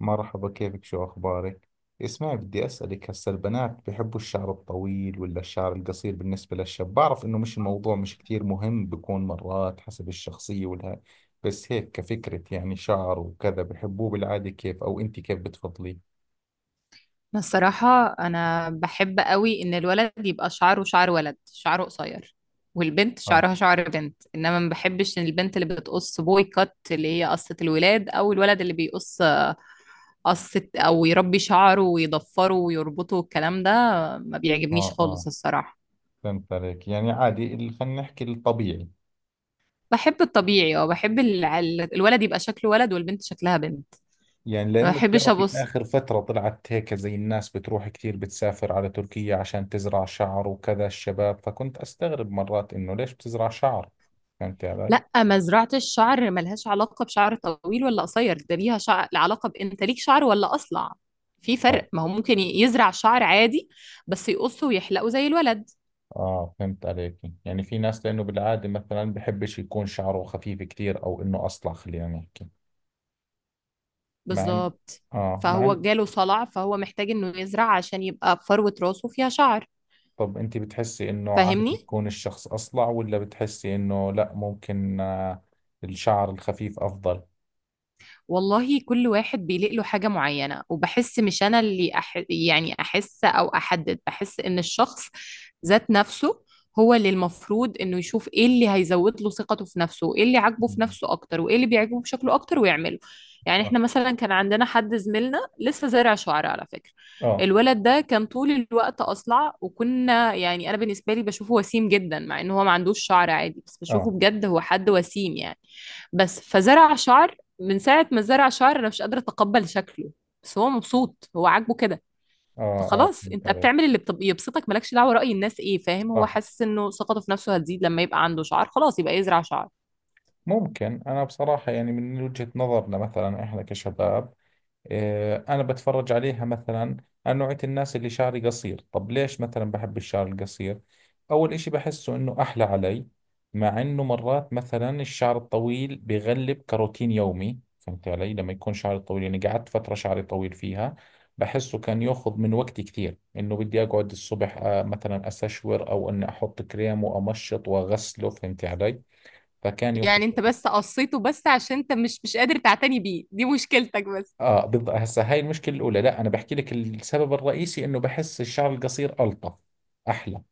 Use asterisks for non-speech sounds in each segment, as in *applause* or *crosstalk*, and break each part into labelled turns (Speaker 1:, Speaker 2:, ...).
Speaker 1: مرحبا، كيفك؟ شو أخبارك؟ اسمعي، بدي أسألك، هسا البنات بحبوا الشعر الطويل ولا الشعر القصير؟ بالنسبة للشاب، بعرف إنه مش الموضوع مش كثير مهم، بيكون مرات حسب الشخصية والها. بس هيك كفكرة، يعني شعر وكذا بحبوه بالعادة كيف؟ أو أنت كيف بتفضليه؟
Speaker 2: أنا الصراحة أنا بحب قوي إن الولد يبقى شعره شعر ولد، شعره قصير، والبنت
Speaker 1: آه.
Speaker 2: شعرها شعر بنت. إنما ما بحبش إن البنت اللي بتقص بوي كات، اللي هي قصة الولاد، أو الولد اللي بيقص قصة، أو يربي شعره ويضفره ويربطه والكلام ده، ما بيعجبنيش
Speaker 1: آه.
Speaker 2: خالص
Speaker 1: آه،
Speaker 2: الصراحة.
Speaker 1: فهمت عليك. يعني عادي، خلينا نحكي الطبيعي.
Speaker 2: بحب الطبيعي، أو بحب الولد يبقى شكله ولد والبنت شكلها بنت.
Speaker 1: يعني
Speaker 2: ما
Speaker 1: لأنه
Speaker 2: بحبش
Speaker 1: بتعرفي،
Speaker 2: أبص.
Speaker 1: آخر فترة طلعت هيك زي الناس بتروح كثير، بتسافر على تركيا عشان تزرع شعر وكذا الشباب، فكنت أستغرب مرات إنه ليش بتزرع شعر. فهمتي علي؟
Speaker 2: لا، مزرعة الشعر ملهاش علاقة بشعر طويل ولا قصير، ده ليها شعر علاقة بأنت ليك شعر ولا أصلع. في
Speaker 1: آه.
Speaker 2: فرق، ما هو ممكن يزرع شعر عادي بس يقصه ويحلقه زي الولد،
Speaker 1: آه، فهمت عليك. يعني في ناس، لأنه بالعادة مثلا بحبش يكون شعره خفيف كثير أو إنه أصلع، خلينا نحكي. مع إن
Speaker 2: بالظبط.
Speaker 1: آه مع
Speaker 2: فهو
Speaker 1: إن
Speaker 2: جاله صلع، فهو محتاج إنه يزرع عشان يبقى فروة راسه فيها شعر.
Speaker 1: طب أنت بتحسي إنه عادي
Speaker 2: فاهمني؟
Speaker 1: يكون الشخص أصلع، ولا بتحسي إنه لا ممكن الشعر الخفيف أفضل؟
Speaker 2: والله كل واحد بيليق له حاجة معينة، وبحس مش أنا اللي يعني أحس أو أحدد، بحس إن الشخص ذات نفسه هو اللي المفروض إنه يشوف إيه اللي هيزود له ثقته في نفسه، وإيه اللي عاجبه
Speaker 1: مم.
Speaker 2: في نفسه أكتر، وإيه اللي بيعجبه بشكله أكتر، ويعمله. يعني
Speaker 1: صح.
Speaker 2: إحنا مثلا كان عندنا حد زميلنا لسه زارع شعر على فكرة.
Speaker 1: آه.
Speaker 2: الولد ده كان طول الوقت أصلع، وكنا، يعني أنا بالنسبة لي بشوفه وسيم جدا مع إن هو ما عندوش شعر عادي، بس بشوفه
Speaker 1: آه.
Speaker 2: بجد هو حد وسيم يعني. بس فزرع شعر. من ساعة ما زرع شعر، أنا مش قادرة أتقبل شكله. بس هو مبسوط، هو عاجبه كده.
Speaker 1: اه. اه،
Speaker 2: فخلاص،
Speaker 1: فهمت
Speaker 2: أنت
Speaker 1: عليك.
Speaker 2: بتعمل اللي يبسطك، مالكش دعوة رأي الناس إيه، فاهم؟ هو
Speaker 1: صح.
Speaker 2: حاسس إنه ثقته في نفسه هتزيد لما يبقى عنده شعر، خلاص يبقى يزرع شعر.
Speaker 1: ممكن، انا بصراحة يعني من وجهة نظرنا، مثلا احنا كشباب، أنا بتفرج عليها مثلا. أنا نوعية الناس اللي شعري قصير، طب ليش مثلا بحب الشعر القصير؟ أول إشي بحسه إنه أحلى علي. مع إنه مرات مثلا الشعر الطويل بغلب كروتين يومي، فهمت علي؟ لما يكون شعري طويل، يعني قعدت فترة شعري طويل فيها، بحسه كان ياخذ من وقتي كثير، إنه بدي أقعد الصبح مثلا أستشور، أو إني أحط كريم وأمشط وأغسله، فهمت علي؟ فكان ياخذ.
Speaker 2: يعني أنت بس قصيته بس عشان أنت مش قادر تعتني بيه، دي مشكلتك بس.
Speaker 1: اه، بالضبط. هسه هاي المشكله الاولى، لا انا بحكي لك السبب الرئيسي، انه بحس الشعر القصير الطف، احلى.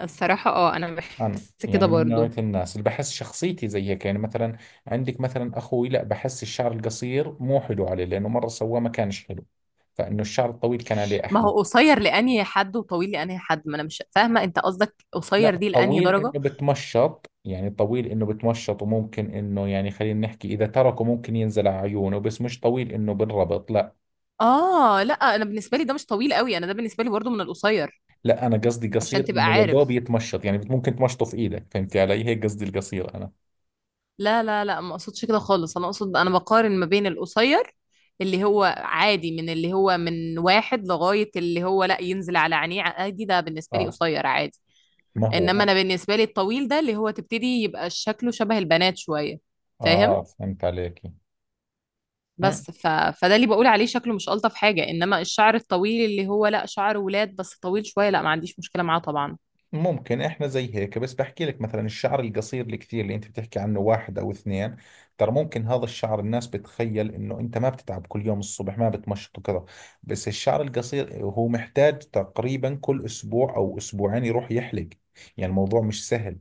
Speaker 2: الصراحة، أنا
Speaker 1: انا
Speaker 2: بحس
Speaker 1: يعني
Speaker 2: كده
Speaker 1: من نوعيه
Speaker 2: برضو.
Speaker 1: الناس اللي بحس شخصيتي زي هيك، يعني مثلا عندك مثلا اخوي، لا بحس الشعر القصير مو حلو عليه، لانه مره سواه ما كانش حلو، فانه الشعر الطويل كان عليه
Speaker 2: ما
Speaker 1: احلى.
Speaker 2: هو قصير لأنهي حد وطويل لأنهي حد؟ ما أنا مش فاهمة أنت قصدك قصير
Speaker 1: لا،
Speaker 2: دي لأنهي
Speaker 1: الطويل انه
Speaker 2: درجة.
Speaker 1: بتمشط، يعني الطويل انه بتمشط وممكن انه، يعني خلينا نحكي، اذا تركه ممكن ينزل على عيونه، بس مش طويل انه بالربط، لا.
Speaker 2: اه لا، أنا بالنسبة لي ده مش طويل قوي، أنا ده بالنسبة لي برضو من القصير،
Speaker 1: لا، انا قصدي
Speaker 2: عشان
Speaker 1: قصير
Speaker 2: تبقى
Speaker 1: انه يا دوب
Speaker 2: عارف.
Speaker 1: يتمشط، يعني ممكن تمشطه في ايدك، فهمتي علي؟ هيك قصدي القصير انا.
Speaker 2: لا لا لا، ما اقصدش كده خالص، انا اقصد انا بقارن ما بين القصير اللي هو عادي، من اللي هو من واحد لغاية اللي هو لا ينزل على عينيه عادي، ده بالنسبة لي
Speaker 1: اه.
Speaker 2: قصير عادي.
Speaker 1: ما
Speaker 2: انما
Speaker 1: هو.
Speaker 2: انا بالنسبة لي الطويل ده اللي هو تبتدي يبقى شكله شبه البنات شوية، فاهم؟
Speaker 1: اه، فهمت عليك.
Speaker 2: بس فده اللي بقول عليه شكله مش الطف حاجة. انما الشعر الطويل اللي هو لا شعر ولاد بس طويل شوية، لا ما عنديش مشكلة معاه طبعا.
Speaker 1: ممكن احنا زي هيك، بس بحكي لك مثلا الشعر القصير الكثير اللي انت بتحكي عنه، واحد او اثنين، ترى ممكن هذا الشعر الناس بتخيل انه انت ما بتتعب، كل يوم الصبح ما بتمشط وكذا، بس الشعر القصير هو محتاج تقريبا كل اسبوع او اسبوعين يروح يحلق، يعني الموضوع مش سهل،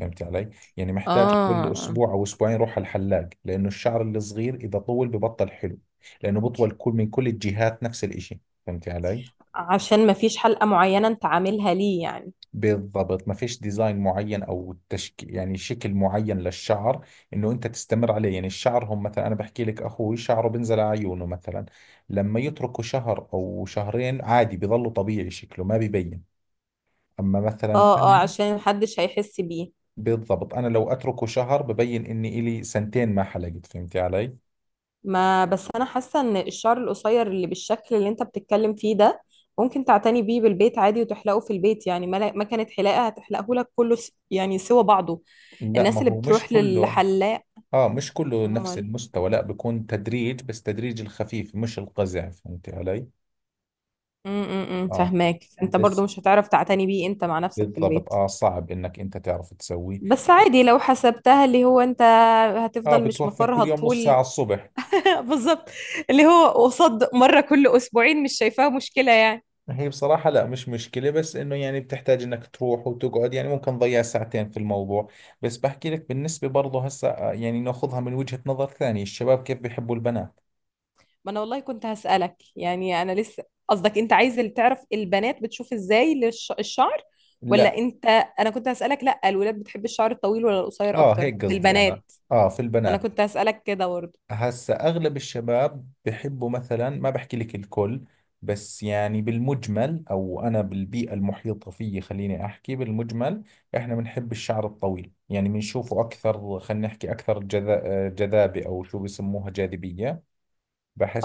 Speaker 1: فهمت علي؟ يعني محتاج كل
Speaker 2: اه،
Speaker 1: اسبوع او اسبوعين يروح على الحلاق، لانه الشعر الصغير اذا طول ببطل حلو، لانه بطول كل الجهات نفس الاشي، فهمت علي؟
Speaker 2: عشان مفيش حلقة معينة انت عاملها ليه يعني.
Speaker 1: بالضبط، ما فيش ديزاين معين او يعني شكل معين للشعر، انه انت تستمر عليه. يعني الشعر هم، مثلا انا بحكي لك اخوي شعره بنزل على عيونه مثلا، لما يتركوا شهر او شهرين عادي بيظلوا طبيعي، شكله ما بيبين. اما مثلا
Speaker 2: اه اه،
Speaker 1: مهم.
Speaker 2: عشان محدش هيحس بيه.
Speaker 1: بالضبط. انا لو اتركه شهر ببين اني الي سنتين ما حلقت، فهمتي علي؟
Speaker 2: ما بس انا حاسه ان الشعر القصير اللي بالشكل اللي انت بتتكلم فيه ده، ممكن تعتني بيه بالبيت عادي، وتحلقه في البيت يعني. ما كانت حلاقه هتحلقه لك كله، يعني سوى بعضه،
Speaker 1: لا
Speaker 2: الناس
Speaker 1: ما
Speaker 2: اللي
Speaker 1: هو مش
Speaker 2: بتروح
Speaker 1: كله.
Speaker 2: للحلاق.
Speaker 1: اه، مش كله نفس
Speaker 2: امال.
Speaker 1: المستوى، لا بيكون تدريج، بس تدريج الخفيف مش القزع، فهمتي علي؟ اه.
Speaker 2: فاهماك انت برضو
Speaker 1: بس.
Speaker 2: مش هتعرف تعتني بيه انت مع نفسك في
Speaker 1: بالضبط.
Speaker 2: البيت.
Speaker 1: اه، صعب انك انت تعرف تسويه.
Speaker 2: بس عادي لو حسبتها، اللي هو انت
Speaker 1: اه،
Speaker 2: هتفضل مش
Speaker 1: بتوفر كل
Speaker 2: مفرها
Speaker 1: يوم نص ساعة
Speaker 2: طول.
Speaker 1: الصبح.
Speaker 2: *laughs* بالظبط. اللي هو قصاد مره كل اسبوعين، مش شايفاها مشكله يعني.
Speaker 1: هي بصراحة لا مش مشكلة، بس انه يعني بتحتاج انك تروح وتقعد، يعني ممكن تضيع ساعتين في الموضوع. بس بحكي لك بالنسبة برضه هسا، يعني ناخذها من وجهة نظر ثانية، الشباب كيف بيحبوا البنات.
Speaker 2: ما انا والله كنت هسألك، يعني انا لسه، قصدك انت عايز اللي تعرف البنات بتشوف ازاي الشعر،
Speaker 1: لا.
Speaker 2: ولا انت؟ انا كنت هسألك، لا الولاد بتحب الشعر الطويل ولا القصير
Speaker 1: اه،
Speaker 2: اكتر
Speaker 1: هيك
Speaker 2: في
Speaker 1: قصدي انا.
Speaker 2: البنات؟
Speaker 1: اه، في
Speaker 2: ما انا
Speaker 1: البنات.
Speaker 2: كنت هسألك كده برضه.
Speaker 1: هسا اغلب الشباب بحبوا، مثلا ما بحكي لك الكل، بس يعني بالمجمل، او انا بالبيئة المحيطة فيي، خليني احكي بالمجمل. احنا بنحب الشعر الطويل، يعني بنشوفه اكثر، خلينا نحكي اكثر جذابة، او شو بسموها، جاذبية.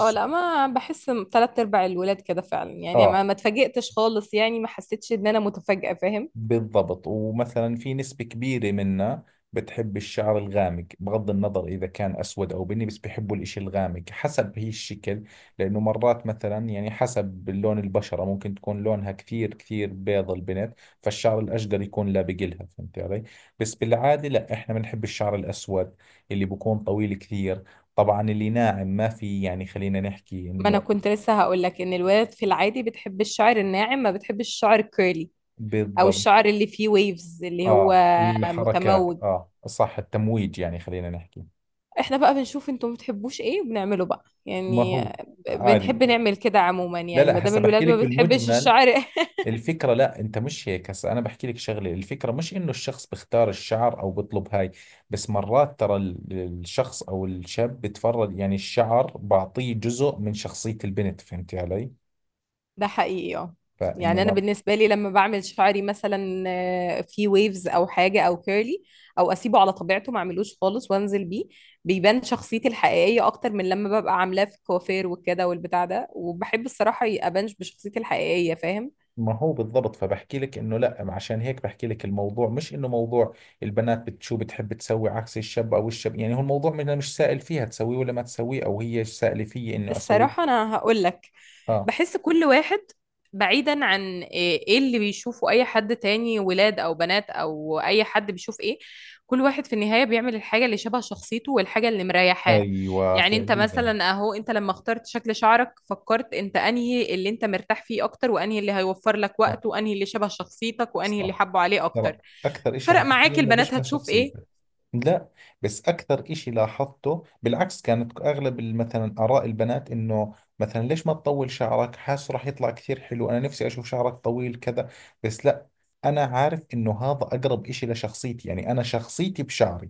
Speaker 2: اه لا، ما بحس، تلات ارباع الولاد كده فعلا، يعني
Speaker 1: اه،
Speaker 2: ما اتفاجئتش خالص، يعني ما حسيتش ان انا متفاجئة، فاهم؟
Speaker 1: بالضبط. ومثلا في نسبة كبيرة منا بتحب الشعر الغامق، بغض النظر إذا كان أسود أو بني، بس بيحبوا الإشي الغامق حسب هي الشكل. لأنه مرات مثلا يعني حسب لون البشرة، ممكن تكون لونها كثير كثير بيض البنت، فالشعر الأشقر يكون لابق لها، فهمت علي؟ بس بالعادة لا، إحنا بنحب الشعر الأسود اللي بكون طويل كثير. طبعا اللي ناعم، ما في يعني خلينا نحكي
Speaker 2: ما انا
Speaker 1: إنه،
Speaker 2: كنت لسه هقول لك ان الولاد في العادي بتحب الشعر الناعم، ما بتحبش الشعر الكيرلي، او
Speaker 1: بالضبط.
Speaker 2: الشعر اللي فيه ويفز اللي هو
Speaker 1: آه، الحركات،
Speaker 2: متموج.
Speaker 1: آه، صح، التمويج، يعني خلينا نحكي.
Speaker 2: احنا بقى بنشوف انتوا بتحبوش ايه وبنعمله بقى
Speaker 1: ما
Speaker 2: يعني،
Speaker 1: هو
Speaker 2: بنحب
Speaker 1: عادي.
Speaker 2: نعمل كده عموما،
Speaker 1: لا
Speaker 2: يعني ما
Speaker 1: لا،
Speaker 2: دام
Speaker 1: هسه بحكي
Speaker 2: الولاد
Speaker 1: لك
Speaker 2: ما بتحبش
Speaker 1: بالمجمل
Speaker 2: الشعر *laughs*
Speaker 1: الفكرة، لا انت مش هيك، هسه انا بحكي لك شغلة، الفكرة مش انه الشخص بختار الشعر او بطلب هاي، بس مرات ترى الشخص او الشاب بتفرج، يعني الشعر بعطيه جزء من شخصية البنت، فهمتي علي؟
Speaker 2: ده حقيقي اه.
Speaker 1: فانه
Speaker 2: يعني انا
Speaker 1: مر...
Speaker 2: بالنسبه لي لما بعمل شعري مثلا في ويفز او حاجه او كيرلي، او اسيبه على طبيعته ما اعملوش خالص وانزل بيه، بيبان شخصيتي الحقيقيه اكتر من لما ببقى عاملاه في كوافير وكده والبتاع ده. وبحب الصراحه ابانش بشخصيتي الحقيقيه، فاهم؟
Speaker 1: ما هو، بالضبط. فبحكي لك انه لا، عشان هيك بحكي لك، الموضوع مش انه موضوع البنات شو بتحب تسوي عكس الشاب او الشاب، يعني هو الموضوع مش سائل فيها تسويه ولا ما تسويه، او هي سائلة فيي انه
Speaker 2: الصراحه
Speaker 1: اسويه.
Speaker 2: انا هقول لك،
Speaker 1: اه.
Speaker 2: بحس كل واحد بعيدا عن إيه اللي بيشوفه اي حد تاني، ولاد او بنات او اي حد، بيشوف ايه، كل واحد في النهاية بيعمل الحاجة اللي شبه شخصيته والحاجة اللي مريحاه.
Speaker 1: ايوه،
Speaker 2: يعني انت
Speaker 1: فعليا.
Speaker 2: مثلا اهو، انت لما اخترت شكل شعرك فكرت انت انهي اللي انت مرتاح فيه اكتر، وانهي اللي هيوفر لك
Speaker 1: صح.
Speaker 2: وقت، وانهي اللي شبه شخصيتك، وانهي اللي
Speaker 1: صح.
Speaker 2: حبه عليه اكتر.
Speaker 1: ترى اكثر اشي
Speaker 2: فرق
Speaker 1: حكيت لي
Speaker 2: معاك
Speaker 1: انه
Speaker 2: البنات
Speaker 1: بيشبه
Speaker 2: هتشوف
Speaker 1: شخصيته.
Speaker 2: ايه؟
Speaker 1: لا، بس اكثر اشي لاحظته بالعكس، كانت اغلب مثلا اراء البنات انه مثلا ليش ما تطول شعرك، حاسه راح يطلع كثير حلو، انا نفسي اشوف شعرك طويل كذا. بس لا، انا عارف انه هذا اقرب اشي لشخصيتي، يعني انا شخصيتي بشعري،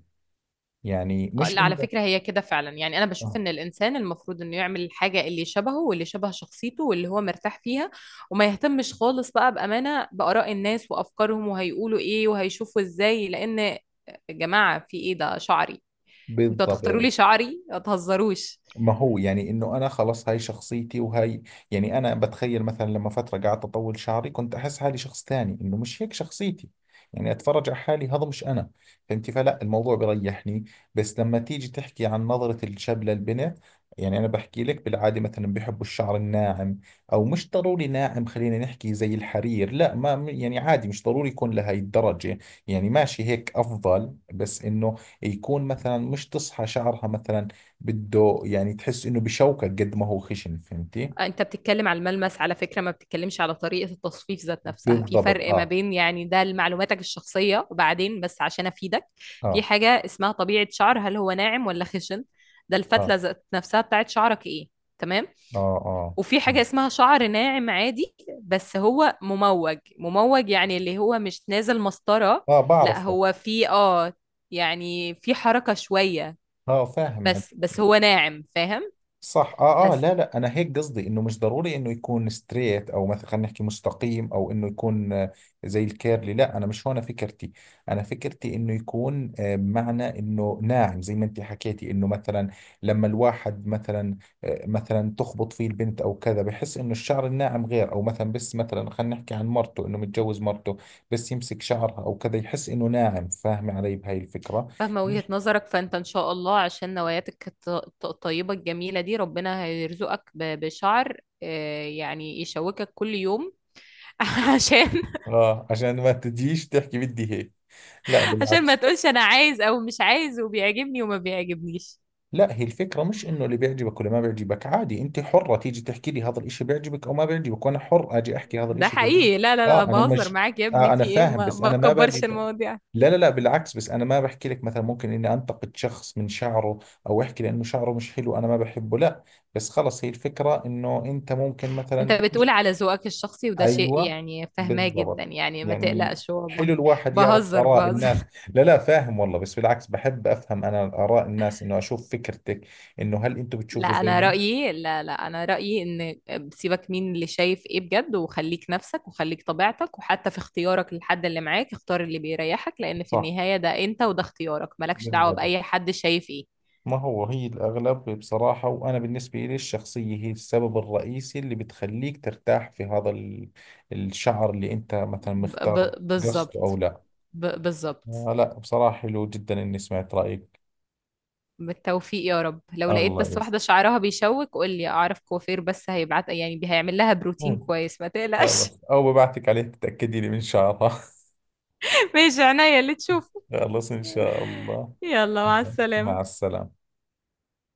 Speaker 1: يعني
Speaker 2: آه،
Speaker 1: مش
Speaker 2: لا على
Speaker 1: انه،
Speaker 2: فكرة هي كده فعلا، يعني أنا بشوف
Speaker 1: آه،
Speaker 2: إن الإنسان المفروض إنه يعمل الحاجة اللي شبهه، واللي شبه شخصيته، واللي هو مرتاح فيها، وما يهتمش خالص بقى بأمانة بآراء الناس وأفكارهم، وهيقولوا إيه، وهيشوفوا إزاي. لأن يا جماعة في إيه ده، شعري؟ أنتوا هتختاروا لي
Speaker 1: بالضبط.
Speaker 2: شعري؟ ما تهزروش.
Speaker 1: ما هو يعني انه انا خلص، هاي شخصيتي وهاي. يعني انا بتخيل مثلا لما فتره قعدت اطول شعري، كنت احس حالي شخص ثاني، انه مش هيك شخصيتي، يعني اتفرج على حالي هذا مش انا، فهمتي؟ فلا الموضوع بريحني. بس لما تيجي تحكي عن نظره الشاب للبنت، يعني انا بحكي لك بالعاده، مثلا بحبوا الشعر الناعم، او مش ضروري ناعم، خلينا نحكي زي الحرير، لا، ما يعني عادي مش ضروري يكون لهي الدرجه، يعني ماشي هيك افضل، بس انه يكون مثلا مش تصحى شعرها مثلا، بده يعني تحس انه بشوكك قد ما هو خشن، فهمتي؟
Speaker 2: انت بتتكلم على الملمس على فكرة، ما بتتكلمش على طريقة التصفيف ذات نفسها، في
Speaker 1: بالضبط.
Speaker 2: فرق ما
Speaker 1: اه.
Speaker 2: بين، يعني ده لمعلوماتك الشخصية وبعدين، بس عشان افيدك. في
Speaker 1: اه.
Speaker 2: حاجة اسمها طبيعة شعر، هل هو ناعم ولا خشن؟ ده
Speaker 1: اه.
Speaker 2: الفتلة ذات نفسها بتاعت شعرك ايه، تمام؟
Speaker 1: اه. اه.
Speaker 2: وفي حاجة اسمها شعر ناعم عادي، بس هو مموج مموج، يعني اللي هو مش نازل مسطرة.
Speaker 1: اه،
Speaker 2: لا
Speaker 1: بعرفه.
Speaker 2: هو في يعني في حركة شوية،
Speaker 1: اه، فاهم.
Speaker 2: بس هو ناعم، فاهم؟
Speaker 1: صح. اه. اه.
Speaker 2: بس
Speaker 1: لا لا، انا هيك قصدي انه مش ضروري انه يكون ستريت، او مثلا خلينا نحكي مستقيم، او انه يكون زي الكيرلي، لا انا مش هون فكرتي، انا فكرتي انه يكون بمعنى انه ناعم، زي ما انت حكيتي، انه مثلا لما الواحد مثلا مثلا تخبط فيه البنت او كذا، بحس انه الشعر الناعم غير. او مثلا، بس مثلا خلينا نحكي عن مرته انه متجوز مرته، بس يمسك شعرها او كذا يحس انه ناعم، فاهمه علي بهاي الفكرة؟
Speaker 2: فاهمة وجهة
Speaker 1: مش.
Speaker 2: نظرك، فانت ان شاء الله عشان نواياتك الطيبة الجميلة دي، ربنا هيرزقك بشعر يعني يشوكك كل يوم. *laughs* عشان
Speaker 1: اه، عشان ما تجيش تحكي بدي هيك. لا،
Speaker 2: عشان ما
Speaker 1: بالعكس.
Speaker 2: تقولش انا عايز او مش عايز، وبيعجبني وما بيعجبنيش.
Speaker 1: لا، هي الفكرة مش انه اللي بيعجبك ولا ما بيعجبك، عادي انت حرة تيجي تحكي لي هذا الاشي بيعجبك او ما بيعجبك، وانا حر اجي احكي هذا
Speaker 2: ده
Speaker 1: الاشي بيعجبك.
Speaker 2: حقيقي، لا لا لا،
Speaker 1: اه، انا
Speaker 2: بهزر
Speaker 1: مش
Speaker 2: معاك يا ابني،
Speaker 1: انا
Speaker 2: في ايه،
Speaker 1: فاهم،
Speaker 2: ما,
Speaker 1: بس
Speaker 2: ما
Speaker 1: انا ما باجي
Speaker 2: تكبرش المواضيع.
Speaker 1: لا لا لا، بالعكس، بس انا ما بحكي لك مثلا ممكن اني انتقد شخص من شعره، او احكي لانه شعره مش حلو انا ما بحبه، لا. بس خلص، هي الفكرة انه انت ممكن
Speaker 2: انت
Speaker 1: مثلا،
Speaker 2: بتقول على ذوقك الشخصي، وده شيء
Speaker 1: ايوه.
Speaker 2: يعني فاهماه جدا،
Speaker 1: بالضبط.
Speaker 2: يعني ما
Speaker 1: يعني
Speaker 2: تقلقش والله.
Speaker 1: حلو الواحد يعرف
Speaker 2: بهزر
Speaker 1: اراء الناس،
Speaker 2: بهزر.
Speaker 1: لا لا، فاهم والله، بس بالعكس بحب افهم انا اراء الناس، انه اشوف فكرتك، انه هل انتم
Speaker 2: لا
Speaker 1: بتشوفوا
Speaker 2: انا
Speaker 1: زينا؟
Speaker 2: رايي، لا، انا رايي ان سيبك مين اللي شايف ايه بجد، وخليك نفسك وخليك طبيعتك، وحتى في اختيارك للحد اللي معاك، اختار اللي بيريحك، لان في
Speaker 1: صح.
Speaker 2: النهايه ده انت، وده اختيارك، مالكش دعوه
Speaker 1: بالضبط.
Speaker 2: باي حد شايف ايه.
Speaker 1: ما هو هي الاغلب بصراحة، وانا بالنسبة لي، الشخصية هي السبب الرئيسي اللي بتخليك ترتاح في هذا الشعر اللي انت مثلا مختار، قصده او
Speaker 2: بالظبط،
Speaker 1: لا.
Speaker 2: بالظبط.
Speaker 1: آه، لا، بصراحة حلو جدا اني سمعت رايك.
Speaker 2: بالتوفيق يا رب. لو لقيت
Speaker 1: الله
Speaker 2: بس واحده شعرها بيشوك قول لي، اعرف كوافير بس، هيبعت يعني هيعمل لها بروتين
Speaker 1: يسلمك.
Speaker 2: كويس، ما تقلقش.
Speaker 1: خلاص، او ببعتك عليه تتاكدي لي من شعرها *laughs*
Speaker 2: *laughs* ماشي، عينيا اللي تشوفه.
Speaker 1: خلاص، إن شاء الله.
Speaker 2: يلا، مع
Speaker 1: مع
Speaker 2: السلامه.
Speaker 1: السلامة.